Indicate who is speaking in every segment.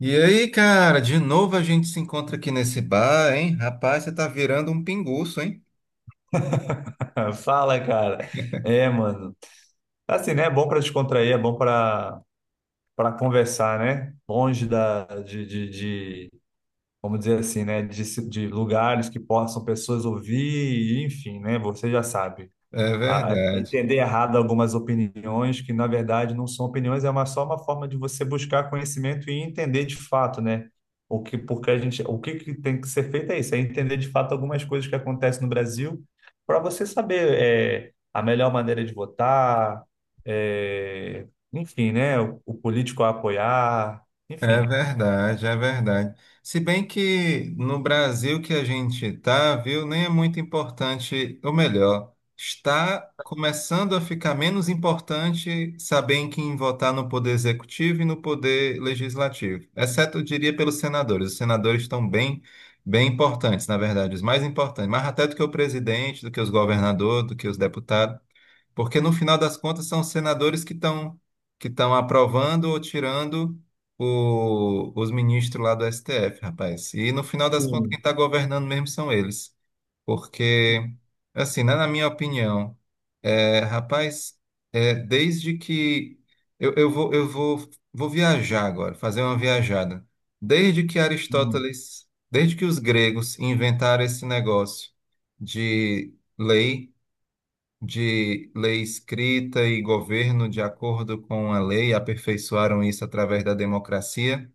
Speaker 1: E aí, cara, de novo a gente se encontra aqui nesse bar, hein? Rapaz, você tá virando um pinguço, hein?
Speaker 2: Fala, cara. É, mano. Assim, né? É bom pra descontrair, é bom pra para conversar, né? Longe da, de- vamos dizer assim, né? De lugares que possam pessoas ouvir, enfim, né? Você já sabe
Speaker 1: É
Speaker 2: a
Speaker 1: verdade.
Speaker 2: entender errado algumas opiniões que, na verdade, não são opiniões, é só uma forma de você buscar conhecimento e entender de fato, né? Porque a gente, o que tem que ser feito é isso, é entender de fato algumas coisas que acontecem no Brasil para você saber a melhor maneira de votar, é, enfim, né? O político a apoiar,
Speaker 1: É
Speaker 2: enfim.
Speaker 1: verdade, é verdade. Se bem que no Brasil que a gente está, viu, nem é muito importante, ou melhor, está começando a ficar menos importante saber em quem votar no poder executivo e no poder legislativo. Exceto, eu diria, pelos senadores. Os senadores estão bem, bem importantes, na verdade, os mais importantes, mais até do que o presidente, do que os governadores, do que os deputados. Porque no final das contas são os senadores que estão aprovando ou tirando os ministros lá do STF, rapaz. E no final das contas quem
Speaker 2: Sim.
Speaker 1: está governando mesmo são eles. Porque, assim, né, na minha opinião, rapaz, desde que vou viajar agora, fazer uma viajada. Desde que
Speaker 2: Hum.
Speaker 1: Aristóteles, desde que os gregos inventaram esse negócio de lei de lei escrita e governo de acordo com a lei, aperfeiçoaram isso através da democracia.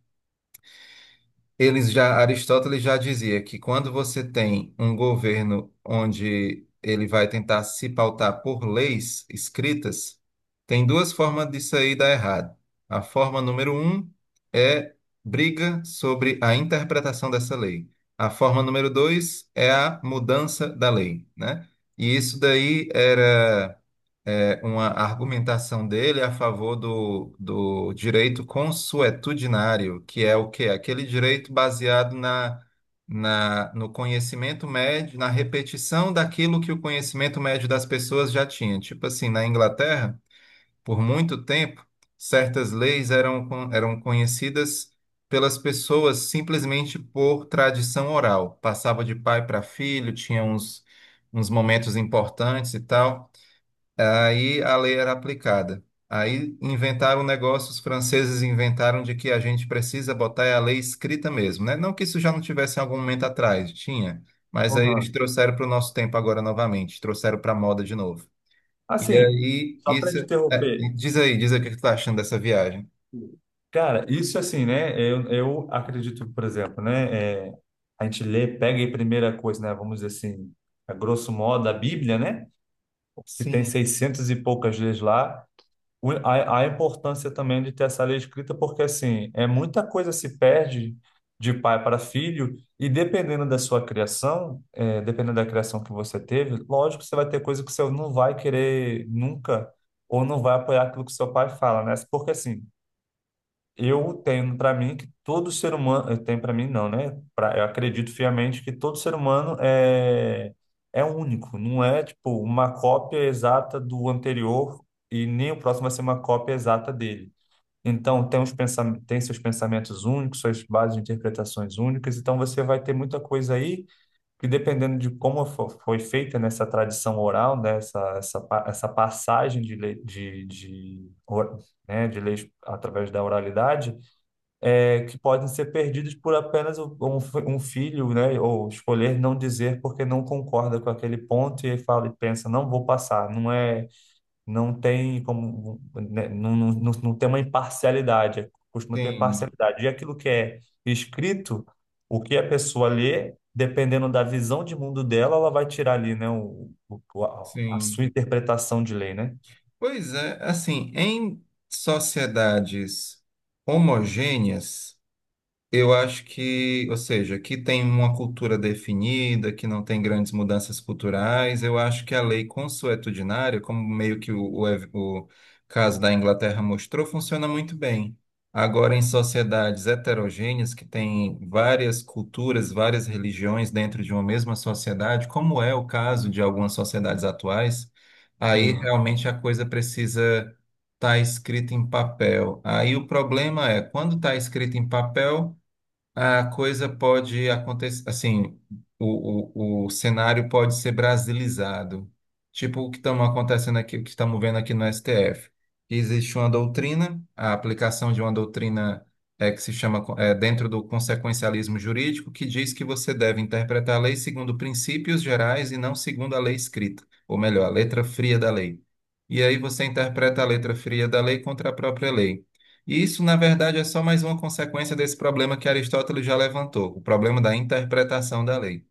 Speaker 1: Eles já, Aristóteles já dizia que, quando você tem um governo onde ele vai tentar se pautar por leis escritas, tem duas formas disso aí dar errado. A forma número um é briga sobre a interpretação dessa lei. A forma número dois é a mudança da lei, né? E isso daí era uma argumentação dele a favor do direito consuetudinário, que é o quê? Aquele direito baseado no conhecimento médio, na repetição daquilo que o conhecimento médio das pessoas já tinha. Tipo assim, na Inglaterra, por muito tempo, certas leis eram conhecidas pelas pessoas simplesmente por tradição oral. Passava de pai para filho, tinha uns momentos importantes e tal. Aí a lei era aplicada. Aí inventaram o negócio, os franceses inventaram de que a gente precisa botar a lei escrita mesmo, né? Não que isso já não tivesse em algum momento atrás, tinha, mas aí eles
Speaker 2: Uhum.
Speaker 1: trouxeram para o nosso tempo agora novamente, trouxeram para a moda de novo. E
Speaker 2: Assim,
Speaker 1: aí,
Speaker 2: só para
Speaker 1: isso.
Speaker 2: te
Speaker 1: é,
Speaker 2: interromper.
Speaker 1: diz aí, diz aí o que que tu tá achando dessa viagem.
Speaker 2: Cara, isso assim, né? Eu acredito, por exemplo, né? A gente lê, pega a primeira coisa, né? Vamos dizer assim, a grosso modo, a Bíblia, né? Que tem
Speaker 1: Sim,
Speaker 2: 600 e poucas leis lá. A importância também de ter essa lei escrita, porque assim, é muita coisa se perde de pai para filho, e dependendo da sua criação, dependendo da criação que você teve, lógico que você vai ter coisa que você não vai querer nunca, ou não vai apoiar aquilo que seu pai fala, né? Porque assim. Eu tenho para mim que todo ser humano, eu tenho para mim não, né? Eu acredito fiamente que todo ser humano é único, não é tipo uma cópia exata do anterior e nem o próximo vai ser uma cópia exata dele. Então tem seus pensamentos únicos, suas bases de interpretações únicas, então você vai ter muita coisa aí que dependendo de como foi feita nessa tradição oral, né? Essa passagem de, né? De leis através da oralidade que podem ser perdidos por apenas um filho, né? Ou escolher não dizer porque não concorda com aquele ponto e fala e pensa, não vou passar. Não é, não tem como, né, não tem uma imparcialidade, costuma ter
Speaker 1: sim,
Speaker 2: parcialidade. E aquilo que é escrito, o que a pessoa lê, dependendo da visão de mundo dela, ela vai tirar ali, né? A
Speaker 1: sim.
Speaker 2: sua interpretação de lei, né?
Speaker 1: Pois é, assim, em sociedades homogêneas. Eu acho que, ou seja, que tem uma cultura definida, que não tem grandes mudanças culturais. Eu acho que a lei consuetudinária, como meio que o caso da Inglaterra mostrou, funciona muito bem. Agora, em sociedades heterogêneas, que têm várias culturas, várias religiões dentro de uma mesma sociedade, como é o caso de algumas sociedades atuais, aí
Speaker 2: Hum,
Speaker 1: realmente a coisa precisa estar escrita em papel. Aí o problema é quando está escrito em papel. A coisa pode acontecer, assim, o cenário pode ser brasilizado. Tipo o que estamos acontecendo aqui, o que estamos vendo aqui no STF. Existe uma doutrina, a aplicação de uma doutrina, que se chama, dentro do consequencialismo jurídico, que diz que você deve interpretar a lei segundo princípios gerais e não segundo a lei escrita, ou melhor, a letra fria da lei. E aí você interpreta a letra fria da lei contra a própria lei. E isso, na verdade, é só mais uma consequência desse problema que Aristóteles já levantou, o problema da interpretação da lei.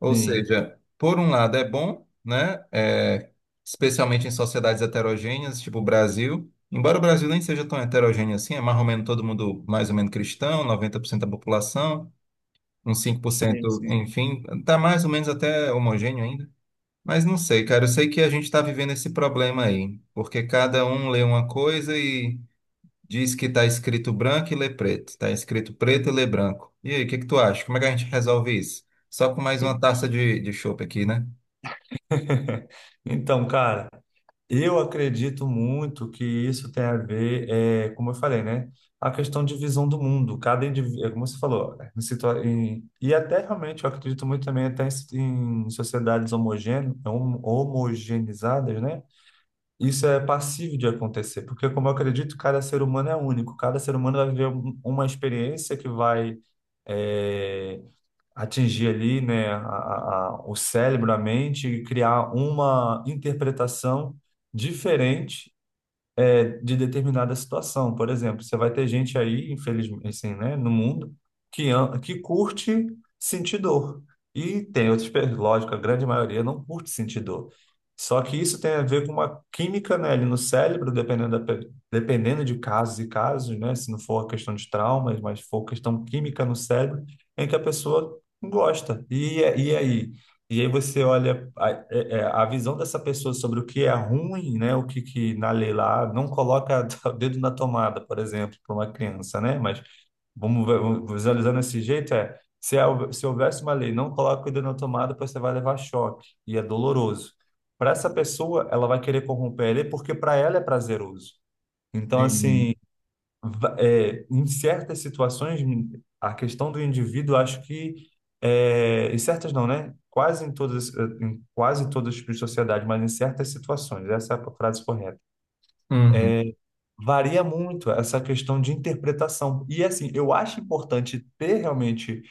Speaker 1: Ou
Speaker 2: Sim,
Speaker 1: seja, por um lado é bom, né? Especialmente em sociedades heterogêneas, tipo o Brasil. Embora o Brasil nem seja tão heterogêneo assim, é mais ou menos todo mundo mais ou menos cristão, 90% da população, uns 5%,
Speaker 2: sim,
Speaker 1: enfim, tá mais ou menos até homogêneo ainda. Mas não sei, cara, eu sei que a gente está vivendo esse problema aí, porque cada um lê uma coisa e diz que está escrito branco e lê preto. Está escrito preto e lê branco. E aí, o que que tu acha? Como é que a gente resolve isso? Só com mais uma
Speaker 2: sim.
Speaker 1: taça de chopp aqui, né?
Speaker 2: Então, cara. Eu acredito muito que isso tem a ver, é, como eu falei, né? A questão de visão do mundo. Cada indivíduo, como você falou, né, e até realmente eu acredito muito também até em, em sociedades homogeneizadas, né? Isso é passível de acontecer, porque como eu acredito, cada ser humano é único. Cada ser humano vai viver uma experiência que vai eh, atingir ali, né, o cérebro, a mente e criar uma interpretação diferente de determinada situação. Por exemplo, você vai ter gente aí, infelizmente, assim, né, no mundo, que curte sentir dor. E tem outras pessoas, lógico, a grande maioria não curte sentir dor. Só que isso tem a ver com uma química, né, ali no cérebro, dependendo de casos e casos, né, se não for questão de traumas, mas for questão química no cérebro, em que a pessoa gosta. E aí? E aí você olha é, a visão dessa pessoa sobre o que é ruim, né? O que na lei lá não coloca o dedo na tomada, por exemplo, para uma criança, né? Mas vamos visualizando desse jeito se, se houvesse uma lei, não coloca o dedo na tomada, pois você vai levar choque e é doloroso. Para essa pessoa, ela vai querer corromper a lei porque para ela é prazeroso. Então,
Speaker 1: Uhum.
Speaker 2: assim, em certas situações, a questão do indivíduo, acho que, em certas não, né? Quase em todas, em quase todos os tipos de sociedade, mas em certas situações, essa é a frase correta.
Speaker 1: Uhum.
Speaker 2: Varia muito essa questão de interpretação. E assim, eu acho importante ter realmente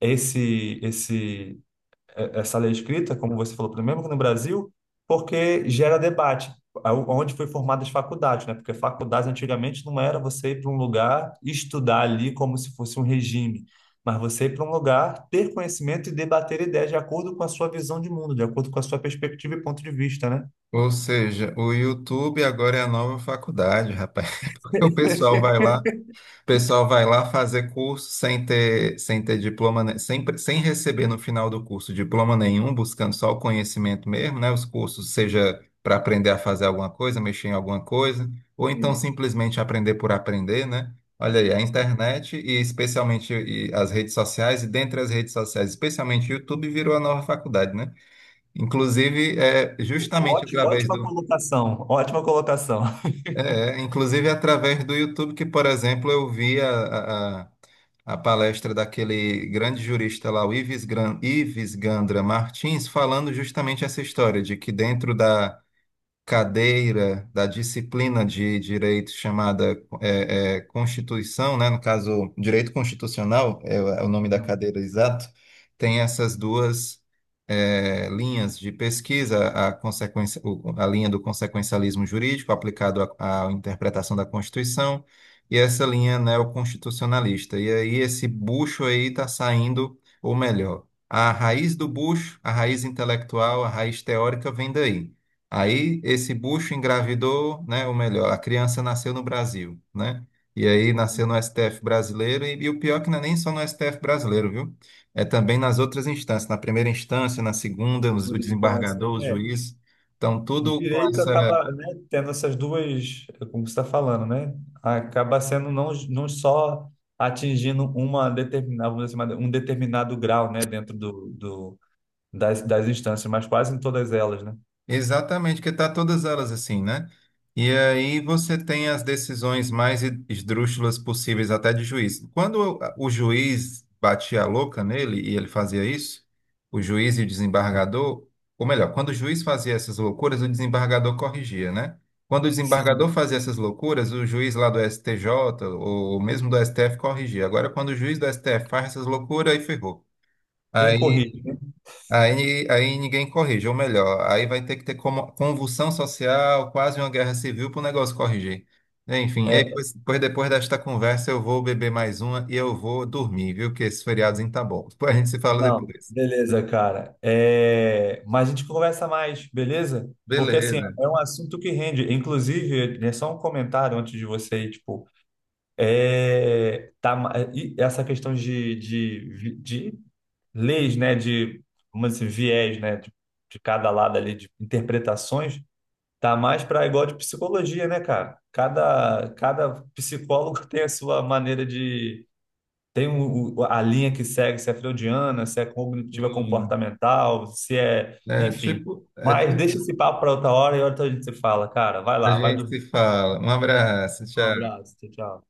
Speaker 2: esse, esse essa lei escrita, como você falou, primeiro que no Brasil, porque gera debate. Onde foi formadas as faculdades, né? Porque faculdades antigamente não era você ir para um lugar e estudar ali como se fosse um regime, mas você ir para um lugar, ter conhecimento e debater ideias de acordo com a sua visão de mundo, de acordo com a sua perspectiva e ponto de vista, né?
Speaker 1: Ou seja, o YouTube agora é a nova faculdade, rapaz. Porque o pessoal vai lá. O pessoal vai lá fazer curso sem ter diploma, né? Sem receber no final do curso diploma nenhum, buscando só o conhecimento mesmo, né? Os cursos, seja para aprender a fazer alguma coisa, mexer em alguma coisa, ou então
Speaker 2: Sim.
Speaker 1: simplesmente aprender por aprender, né? Olha aí, a internet e especialmente e as redes sociais, e dentre as redes sociais, especialmente o YouTube, virou a nova faculdade, né? Inclusive, é justamente através
Speaker 2: Ótima
Speaker 1: do,
Speaker 2: colocação, ótima colocação.
Speaker 1: inclusive através do YouTube, que, por exemplo, eu vi a palestra daquele grande jurista lá, o Ives, Ives Gandra Martins, falando justamente essa história de que dentro da cadeira da disciplina de direito chamada Constituição, né? No caso, direito constitucional é o nome da
Speaker 2: Aham.
Speaker 1: cadeira exato, tem essas duas linhas de pesquisa, a linha do consequencialismo jurídico aplicado à interpretação da Constituição e essa linha neoconstitucionalista. E aí esse bucho aí está saindo, ou melhor, a raiz do bucho, a raiz intelectual, a raiz teórica vem daí. Aí esse bucho engravidou, né? Ou melhor, a criança nasceu no Brasil, né? E aí nasceu no STF brasileiro, e o pior é que não é nem só no STF brasileiro, viu? É também nas outras instâncias, na primeira instância, na segunda,
Speaker 2: Boa
Speaker 1: o
Speaker 2: distância.
Speaker 1: desembargador, o
Speaker 2: É.
Speaker 1: juiz. Então, tudo com
Speaker 2: Direito
Speaker 1: essa.
Speaker 2: acaba, né, tendo essas duas, como você está falando, né? Acaba sendo não só atingindo uma determinada, vamos dizer assim, um determinado grau, né, das, das instâncias, mas quase em todas elas, né?
Speaker 1: Exatamente, porque tá todas elas assim, né? E aí você tem as decisões mais esdrúxulas possíveis até de juiz. Quando o juiz batia a louca nele e ele fazia isso, o juiz e o desembargador, ou melhor, quando o juiz fazia essas loucuras, o desembargador corrigia, né? Quando o desembargador
Speaker 2: Sim,
Speaker 1: fazia essas loucuras, o juiz lá do STJ ou mesmo do STF corrigia. Agora, quando o juiz do STF faz essas loucuras, aí ferrou.
Speaker 2: tem
Speaker 1: aí
Speaker 2: corrige, né?
Speaker 1: aí ninguém corrige, ou melhor, aí vai ter que ter convulsão social, quase uma guerra civil para o negócio corrigir. Enfim, e
Speaker 2: É,
Speaker 1: depois desta conversa eu vou beber mais uma e eu vou dormir, viu? Que esse feriadozinho tá bom. Depois a gente se fala
Speaker 2: não,
Speaker 1: depois.
Speaker 2: beleza, cara. É, mas a gente conversa mais, beleza? Porque, assim,
Speaker 1: Beleza.
Speaker 2: é um assunto que rende. Inclusive, é só um comentário antes de você ir, tipo, é, tá, e essa questão de leis, né, de, vamos dizer, assim, viés, né, de cada lado ali, de interpretações, tá mais para igual de psicologia, né, cara? Cada psicólogo tem a sua maneira de, tem a linha que segue, se é freudiana, se é cognitiva
Speaker 1: Sim.
Speaker 2: comportamental, se é, enfim. Mas deixa
Speaker 1: Isso.
Speaker 2: esse papo para outra hora e outra hora a gente se fala, cara. Vai
Speaker 1: A
Speaker 2: lá, vai
Speaker 1: gente
Speaker 2: dormir.
Speaker 1: se fala. Um abraço,
Speaker 2: Um
Speaker 1: tchau.
Speaker 2: abraço, tchau, tchau.